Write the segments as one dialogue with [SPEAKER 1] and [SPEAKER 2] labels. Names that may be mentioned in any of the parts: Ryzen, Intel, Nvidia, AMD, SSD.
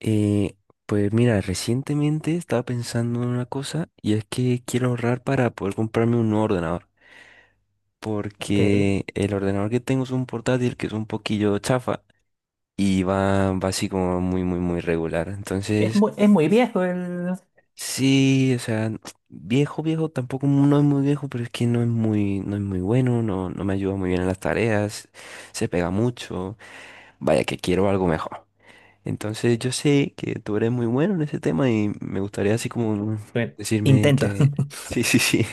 [SPEAKER 1] Eh, pues mira, recientemente estaba pensando en una cosa y es que quiero ahorrar para poder comprarme un nuevo ordenador.
[SPEAKER 2] Ok.
[SPEAKER 1] Porque el ordenador que tengo es un portátil que es un poquillo chafa y va así como muy, muy, muy regular.
[SPEAKER 2] Es
[SPEAKER 1] Entonces,
[SPEAKER 2] muy, es muy viejo el.
[SPEAKER 1] sí, o sea, viejo, viejo, tampoco no es muy viejo, pero es que no es muy bueno, no, no me ayuda muy bien en las tareas, se pega mucho. Vaya que quiero algo mejor. Entonces yo sé que tú eres muy bueno en ese tema y me gustaría así como
[SPEAKER 2] Bueno,
[SPEAKER 1] decirme
[SPEAKER 2] intento,
[SPEAKER 1] que sí, sí, sí.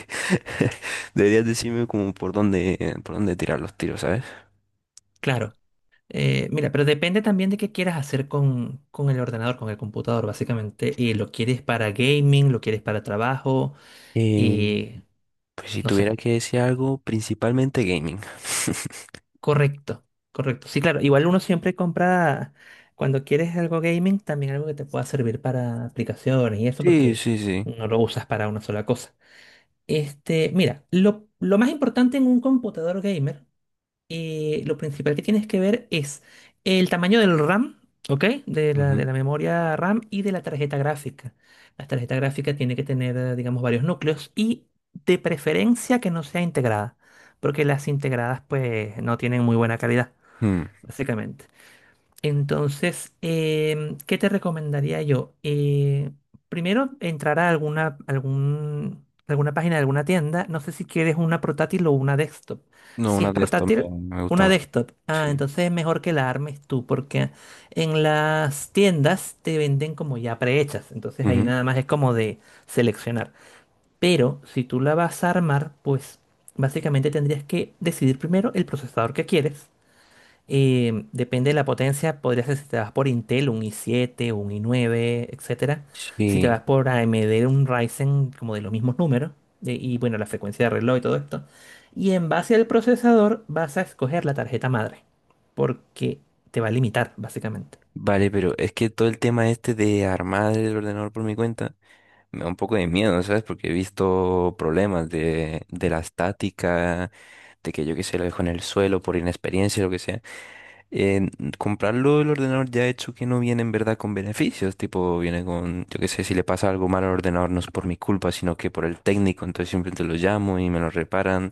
[SPEAKER 1] Deberías decirme como por dónde tirar los tiros, ¿sabes?
[SPEAKER 2] claro. Mira, pero depende también de qué quieras hacer con el ordenador, con el computador, básicamente. Y lo quieres para gaming, lo quieres para trabajo
[SPEAKER 1] Eh,
[SPEAKER 2] y
[SPEAKER 1] pues si
[SPEAKER 2] no
[SPEAKER 1] tuviera
[SPEAKER 2] sé.
[SPEAKER 1] que decir algo, principalmente gaming.
[SPEAKER 2] Correcto, correcto. Sí, claro. Igual uno siempre compra, cuando quieres algo gaming, también algo que te pueda servir para aplicaciones y eso,
[SPEAKER 1] Sí,
[SPEAKER 2] porque
[SPEAKER 1] sí, sí.
[SPEAKER 2] no lo usas para una sola cosa. Este, mira, lo más importante en un computador gamer. Lo principal que tienes que ver es el tamaño del RAM, ¿ok? De la, de
[SPEAKER 1] Ujú.
[SPEAKER 2] la memoria RAM y de la tarjeta gráfica. La tarjeta gráfica tiene que tener, digamos, varios núcleos y de preferencia que no sea integrada, porque las integradas pues no tienen muy buena calidad,
[SPEAKER 1] Mm.
[SPEAKER 2] básicamente. Entonces, ¿qué te recomendaría yo? Primero, entrar a alguna página de alguna tienda. No sé si quieres una portátil o una desktop.
[SPEAKER 1] No,
[SPEAKER 2] Si es
[SPEAKER 1] una de estas me,
[SPEAKER 2] portátil,
[SPEAKER 1] me gusta
[SPEAKER 2] una
[SPEAKER 1] más.
[SPEAKER 2] desktop. Ah,
[SPEAKER 1] Sí.
[SPEAKER 2] entonces es mejor que la armes tú, porque en las tiendas te venden como ya prehechas. Entonces ahí
[SPEAKER 1] Ujú.
[SPEAKER 2] nada más es como de seleccionar. Pero si tú la vas a armar, pues básicamente tendrías que decidir primero el procesador que quieres. Depende de la potencia, podría ser si te vas por Intel, un i7, un i9, etcétera. Si te
[SPEAKER 1] Sí.
[SPEAKER 2] vas por AMD, un Ryzen como de los mismos números. Y bueno, la frecuencia de reloj y todo esto. Y en base al procesador vas a escoger la tarjeta madre. Porque te va a limitar, básicamente.
[SPEAKER 1] Vale, pero es que todo el tema este de armar el ordenador por mi cuenta. Me da un poco de miedo, ¿sabes? Porque he visto problemas de la estática, de que yo qué sé, lo dejo en el suelo por inexperiencia, lo que sea. En- Comprarlo el ordenador ya hecho que no viene en verdad con beneficios, tipo viene con, yo qué sé, si le pasa algo mal al ordenador no es por mi culpa, sino que por el técnico, entonces simplemente lo llamo y me lo reparan.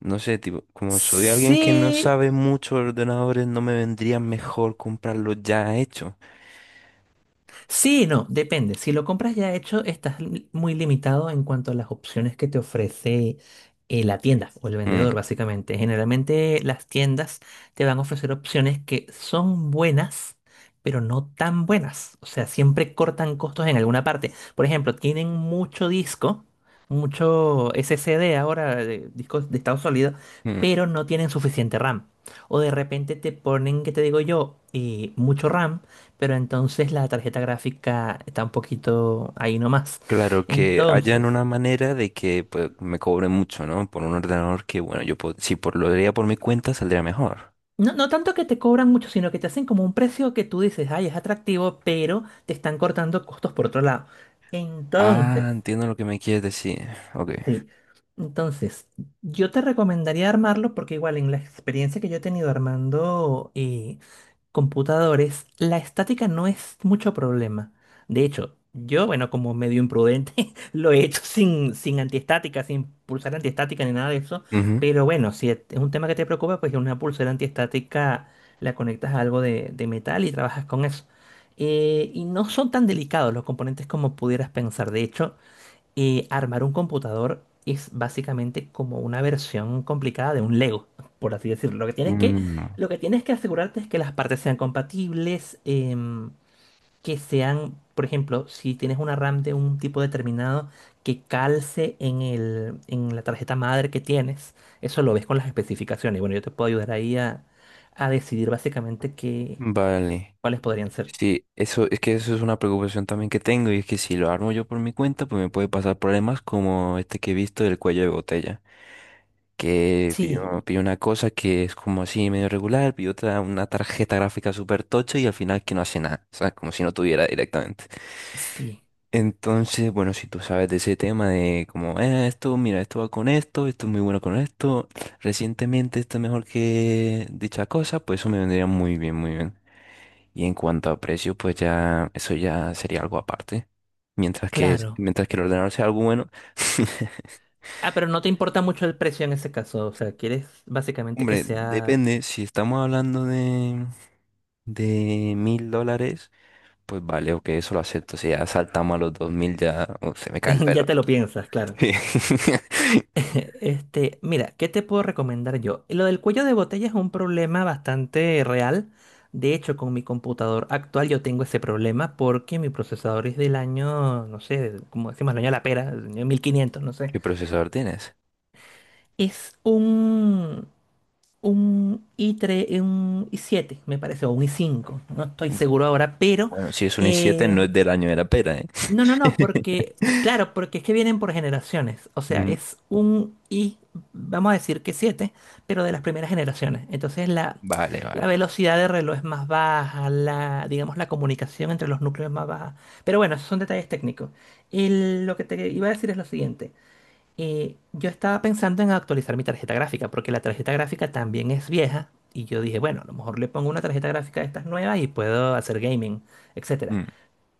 [SPEAKER 1] No sé, tipo, como soy alguien que no
[SPEAKER 2] Sí,
[SPEAKER 1] sabe mucho de ordenadores, no me vendría mejor comprarlo ya hecho.
[SPEAKER 2] sí, no, depende. Si lo compras ya hecho, estás muy limitado en cuanto a las opciones que te ofrece, la tienda o el vendedor,
[SPEAKER 1] Mm,
[SPEAKER 2] básicamente. Generalmente las tiendas te van a ofrecer opciones que son buenas, pero no tan buenas. O sea, siempre cortan costos en alguna parte. Por ejemplo, tienen mucho disco, mucho SSD ahora, discos de estado sólido,
[SPEAKER 1] mm.
[SPEAKER 2] pero no tienen suficiente RAM. O de repente te ponen, ¿qué te digo yo? Mucho RAM, pero entonces la tarjeta gráfica está un poquito ahí nomás.
[SPEAKER 1] Claro que hayan
[SPEAKER 2] Entonces,
[SPEAKER 1] una manera de que pues, me cobren mucho, ¿no? Por un ordenador que, bueno, yo po- si por, lo haría por mi cuenta saldría mejor.
[SPEAKER 2] no, no tanto que te cobran mucho, sino que te hacen como un precio que tú dices, ay, es atractivo, pero te están cortando costos por otro lado.
[SPEAKER 1] Ah,
[SPEAKER 2] Entonces,
[SPEAKER 1] entiendo lo que me quieres decir. Ok.
[SPEAKER 2] sí. Entonces, yo te recomendaría armarlo porque igual en la experiencia que yo he tenido armando, computadores, la estática no es mucho problema. De hecho, yo, bueno, como medio imprudente, lo he hecho sin, antiestática, sin pulsera antiestática ni nada de eso.
[SPEAKER 1] Ujú.
[SPEAKER 2] Pero bueno, si es un tema que te preocupa, pues una pulsera antiestática la conectas a algo de metal y trabajas con eso. Y no son tan delicados los componentes como pudieras pensar. De hecho, armar un computador es básicamente como una versión complicada de un Lego, por así decirlo. Lo que tienes que,
[SPEAKER 1] Mm,
[SPEAKER 2] lo que tienes que asegurarte es que las partes sean compatibles, que sean, por ejemplo, si tienes una RAM de un tipo determinado, que calce en la tarjeta madre que tienes. Eso lo ves con las especificaciones. Bueno, yo te puedo ayudar ahí a decidir básicamente qué,
[SPEAKER 1] vale.
[SPEAKER 2] cuáles podrían ser.
[SPEAKER 1] Sí, eso es que eso es una preocupación también que tengo y es que si lo armo yo por mi cuenta, pues me puede pasar problemas como este que he visto del cuello de botella, que
[SPEAKER 2] Sí,
[SPEAKER 1] pidió una cosa que es como así medio regular, pidió otra una tarjeta gráfica súper tocha y al final que no hace nada, o sea, como si no tuviera directamente.
[SPEAKER 2] sí,
[SPEAKER 1] Entonces, bueno, si tú sabes de ese tema de como, Esto, mira, esto va con esto, esto es muy bueno con esto, recientemente esto es mejor que dicha cosa, pues eso me vendría muy bien, muy bien. Y en cuanto a precio, pues ya, eso ya sería algo aparte. Mientras que, es-
[SPEAKER 2] claro.
[SPEAKER 1] mientras que el ordenador sea algo bueno.
[SPEAKER 2] Ah, pero no te importa mucho el precio en ese caso, o sea, quieres básicamente que
[SPEAKER 1] Hombre,
[SPEAKER 2] sea...
[SPEAKER 1] depende, si estamos hablando de $1,000, pues vale, ok, eso lo acepto. Si ya saltamos a los 2,000, ya, se me cae el
[SPEAKER 2] Ya
[SPEAKER 1] pelo.
[SPEAKER 2] te lo piensas, claro.
[SPEAKER 1] Sí.
[SPEAKER 2] Este, mira, ¿qué te puedo recomendar yo? Lo del cuello de botella es un problema bastante real. De hecho, con mi computador actual yo tengo ese problema porque mi procesador es del año, no sé, como decimos, el año de la pera, el año 1500, no sé.
[SPEAKER 1] ¿Qué procesador tienes?
[SPEAKER 2] Es un i3, un i7, me parece, o un i5. No estoy seguro ahora, pero...
[SPEAKER 1] Bueno, si es un i7,
[SPEAKER 2] eh,
[SPEAKER 1] no es del año de la pera, ¿eh?
[SPEAKER 2] No, no, no, porque, claro, porque es que vienen por generaciones. O sea,
[SPEAKER 1] Mm,
[SPEAKER 2] es un I, vamos a decir que siete, pero de las primeras generaciones. Entonces la,
[SPEAKER 1] vale, vale,
[SPEAKER 2] la
[SPEAKER 1] vale.
[SPEAKER 2] velocidad de reloj es más baja, digamos, la comunicación entre los núcleos es más baja. Pero bueno, esos son detalles técnicos. Lo que te iba a decir es lo siguiente. Yo estaba pensando en actualizar mi tarjeta gráfica, porque la tarjeta gráfica también es vieja. Y yo dije, bueno, a lo mejor le pongo una tarjeta gráfica de estas nuevas y puedo hacer gaming, etcétera,
[SPEAKER 1] Mm,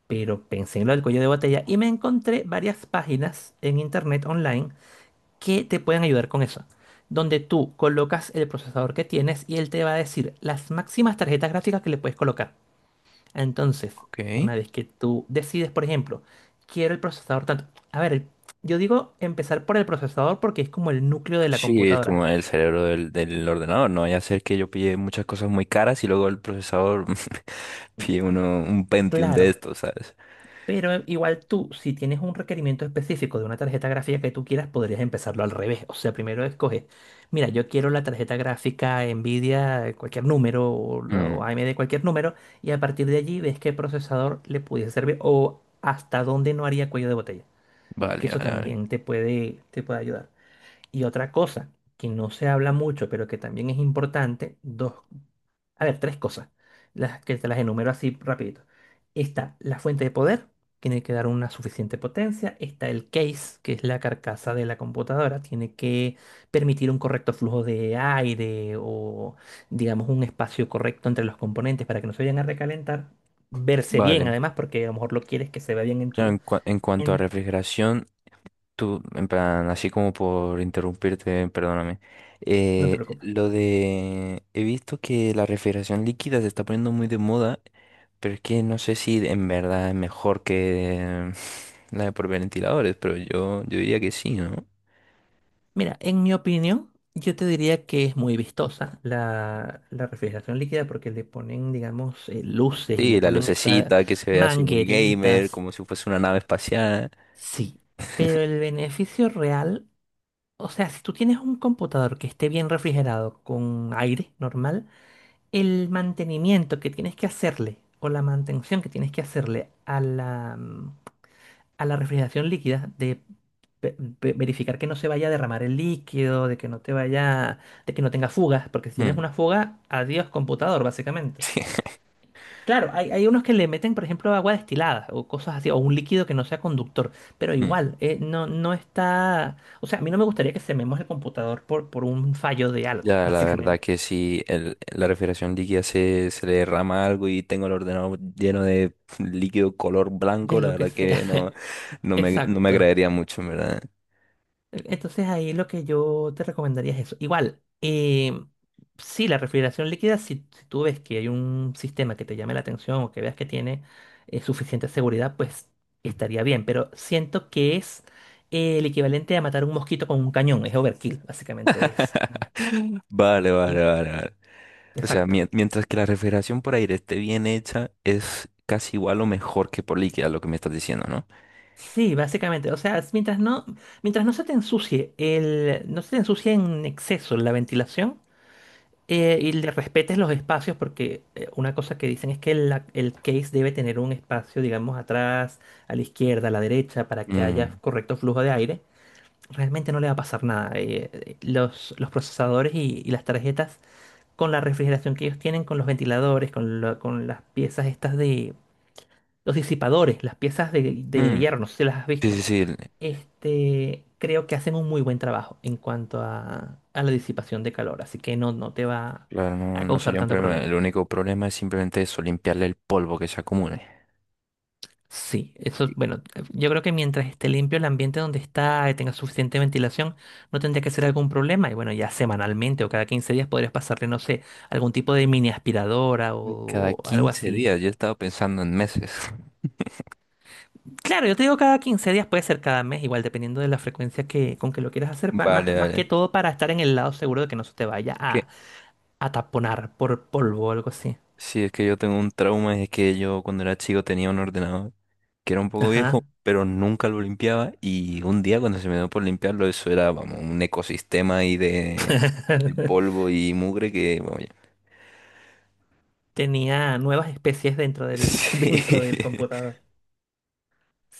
[SPEAKER 2] pero pensé en lo del cuello de botella y me encontré varias páginas en internet online que te pueden ayudar con eso, donde tú colocas el procesador que tienes y él te va a decir las máximas tarjetas gráficas que le puedes colocar. Entonces,
[SPEAKER 1] ok.
[SPEAKER 2] una vez que tú decides, por ejemplo, quiero el procesador tanto, a ver, yo digo empezar por el procesador porque es como el núcleo de la
[SPEAKER 1] Sí, es
[SPEAKER 2] computadora.
[SPEAKER 1] como el cerebro del ordenador, no vaya a ser que yo pille muchas cosas muy caras y luego el procesador pille un Pentium de
[SPEAKER 2] Claro,
[SPEAKER 1] estos, ¿sabes?
[SPEAKER 2] pero igual tú, si tienes un requerimiento específico de una tarjeta gráfica que tú quieras, podrías empezarlo al revés. O sea, primero escoges, mira, yo quiero la tarjeta gráfica Nvidia, cualquier número, o,
[SPEAKER 1] Mm,
[SPEAKER 2] o AMD, cualquier número, y a partir de allí ves qué procesador le pudiese servir o hasta dónde no haría cuello de botella.
[SPEAKER 1] vale,
[SPEAKER 2] Que eso
[SPEAKER 1] vale, vale.
[SPEAKER 2] también te puede ayudar. Y otra cosa que no se habla mucho, pero que también es importante, dos a ver, tres cosas, las que te las enumero así rapidito. Está la fuente de poder, tiene que dar una suficiente potencia. Está el case, que es la carcasa de la computadora, tiene que permitir un correcto flujo de aire o, digamos, un espacio correcto entre los componentes para que no se vayan a recalentar. Verse bien,
[SPEAKER 1] Vale.
[SPEAKER 2] además, porque a lo mejor lo quieres que se vea bien en
[SPEAKER 1] Claro,
[SPEAKER 2] tu...
[SPEAKER 1] en cuanto a
[SPEAKER 2] En...
[SPEAKER 1] refrigeración. Tú, en plan, así como por interrumpirte, perdóname.
[SPEAKER 2] No te preocupes.
[SPEAKER 1] Lo de... he visto que la refrigeración líquida se está poniendo muy de moda, pero es que no sé si en verdad es mejor que la de por ventiladores, pero yo diría que sí, ¿no?
[SPEAKER 2] Mira, en mi opinión, yo te diría que es muy vistosa la refrigeración líquida porque le ponen, digamos, luces y le
[SPEAKER 1] Sí, la
[SPEAKER 2] ponen estas
[SPEAKER 1] lucecita que se ve así muy gamer,
[SPEAKER 2] mangueritas.
[SPEAKER 1] como si fuese una nave espacial.
[SPEAKER 2] Sí, pero el beneficio real, o sea, si tú tienes un computador que esté bien refrigerado con aire normal, el mantenimiento que tienes que hacerle o la mantención que tienes que hacerle a la refrigeración líquida, de verificar que no se vaya a derramar el líquido, de que no te vaya, de que no tenga fugas, porque si tienes
[SPEAKER 1] Mm.
[SPEAKER 2] una fuga, adiós computador, básicamente. Claro, hay unos que le meten, por ejemplo, agua destilada o cosas así, o un líquido que no sea conductor, pero igual, no, no está... O sea, a mí no me gustaría que sememos el computador por un fallo de algo,
[SPEAKER 1] Ya, la verdad
[SPEAKER 2] básicamente.
[SPEAKER 1] que si la refrigeración líquida se le derrama algo y tengo el ordenador lleno de líquido color
[SPEAKER 2] De
[SPEAKER 1] blanco, la
[SPEAKER 2] lo que
[SPEAKER 1] verdad
[SPEAKER 2] sea.
[SPEAKER 1] que no, no me
[SPEAKER 2] Exacto.
[SPEAKER 1] agradaría mucho, ¿en verdad?
[SPEAKER 2] Entonces ahí lo que yo te recomendaría es eso. Igual, sí, la refrigeración líquida, si tú ves que hay un sistema que te llame la atención o que veas que tiene suficiente seguridad, pues estaría bien. Pero siento que es el equivalente a matar un mosquito con un cañón. Es overkill, básicamente es.
[SPEAKER 1] Vale,
[SPEAKER 2] Sí.
[SPEAKER 1] vale, vale, vale. O sea,
[SPEAKER 2] Exacto.
[SPEAKER 1] mientras que la refrigeración por aire esté bien hecha, es casi igual o mejor que por líquida, lo que me estás diciendo, ¿no?
[SPEAKER 2] Sí, básicamente. O sea, mientras no se te ensucie no se te ensucie en exceso la ventilación. Y le respetes los espacios porque una cosa que dicen es que el case debe tener un espacio, digamos, atrás, a la izquierda, a la derecha, para que haya
[SPEAKER 1] Mm,
[SPEAKER 2] correcto flujo de aire. Realmente no le va a pasar nada. Los procesadores y las tarjetas, con la refrigeración que ellos tienen, con los ventiladores, con las piezas estas de... Los disipadores, las piezas de
[SPEAKER 1] mm,
[SPEAKER 2] hierro, no sé si las has
[SPEAKER 1] sí,
[SPEAKER 2] visto.
[SPEAKER 1] sí, sí.
[SPEAKER 2] Este, creo que hacen un muy buen trabajo en cuanto a la disipación de calor, así que no, no te va
[SPEAKER 1] Claro, no,
[SPEAKER 2] a
[SPEAKER 1] no
[SPEAKER 2] causar
[SPEAKER 1] sería un
[SPEAKER 2] tanto
[SPEAKER 1] problema. El
[SPEAKER 2] problema.
[SPEAKER 1] único problema es simplemente eso, limpiarle el polvo que se acumule.
[SPEAKER 2] Sí, eso, bueno, yo creo que mientras esté limpio el ambiente donde está y tenga suficiente ventilación, no tendría que ser algún problema. Y bueno, ya semanalmente o cada 15 días podrías pasarle, no sé, algún tipo de mini aspiradora
[SPEAKER 1] Ay, cada
[SPEAKER 2] o algo
[SPEAKER 1] 15
[SPEAKER 2] así.
[SPEAKER 1] días, yo estaba pensando en meses.
[SPEAKER 2] Claro, yo te digo cada 15 días, puede ser cada mes, igual dependiendo de la frecuencia con que lo quieras hacer, pa-
[SPEAKER 1] Vale,
[SPEAKER 2] más, más que
[SPEAKER 1] vale.
[SPEAKER 2] todo para estar en el lado seguro de que no se te vaya
[SPEAKER 1] Es
[SPEAKER 2] a
[SPEAKER 1] que,
[SPEAKER 2] ataponar por polvo o algo así.
[SPEAKER 1] sí, es que yo tengo un trauma, es que yo cuando era chico tenía un ordenador que era un poco viejo,
[SPEAKER 2] Ajá.
[SPEAKER 1] pero nunca lo limpiaba y un día cuando se me dio por limpiarlo, eso era, vamos, un ecosistema ahí de polvo y mugre que, vamos, ya.
[SPEAKER 2] Tenía nuevas especies dentro del, dentro del
[SPEAKER 1] Sí.
[SPEAKER 2] computador.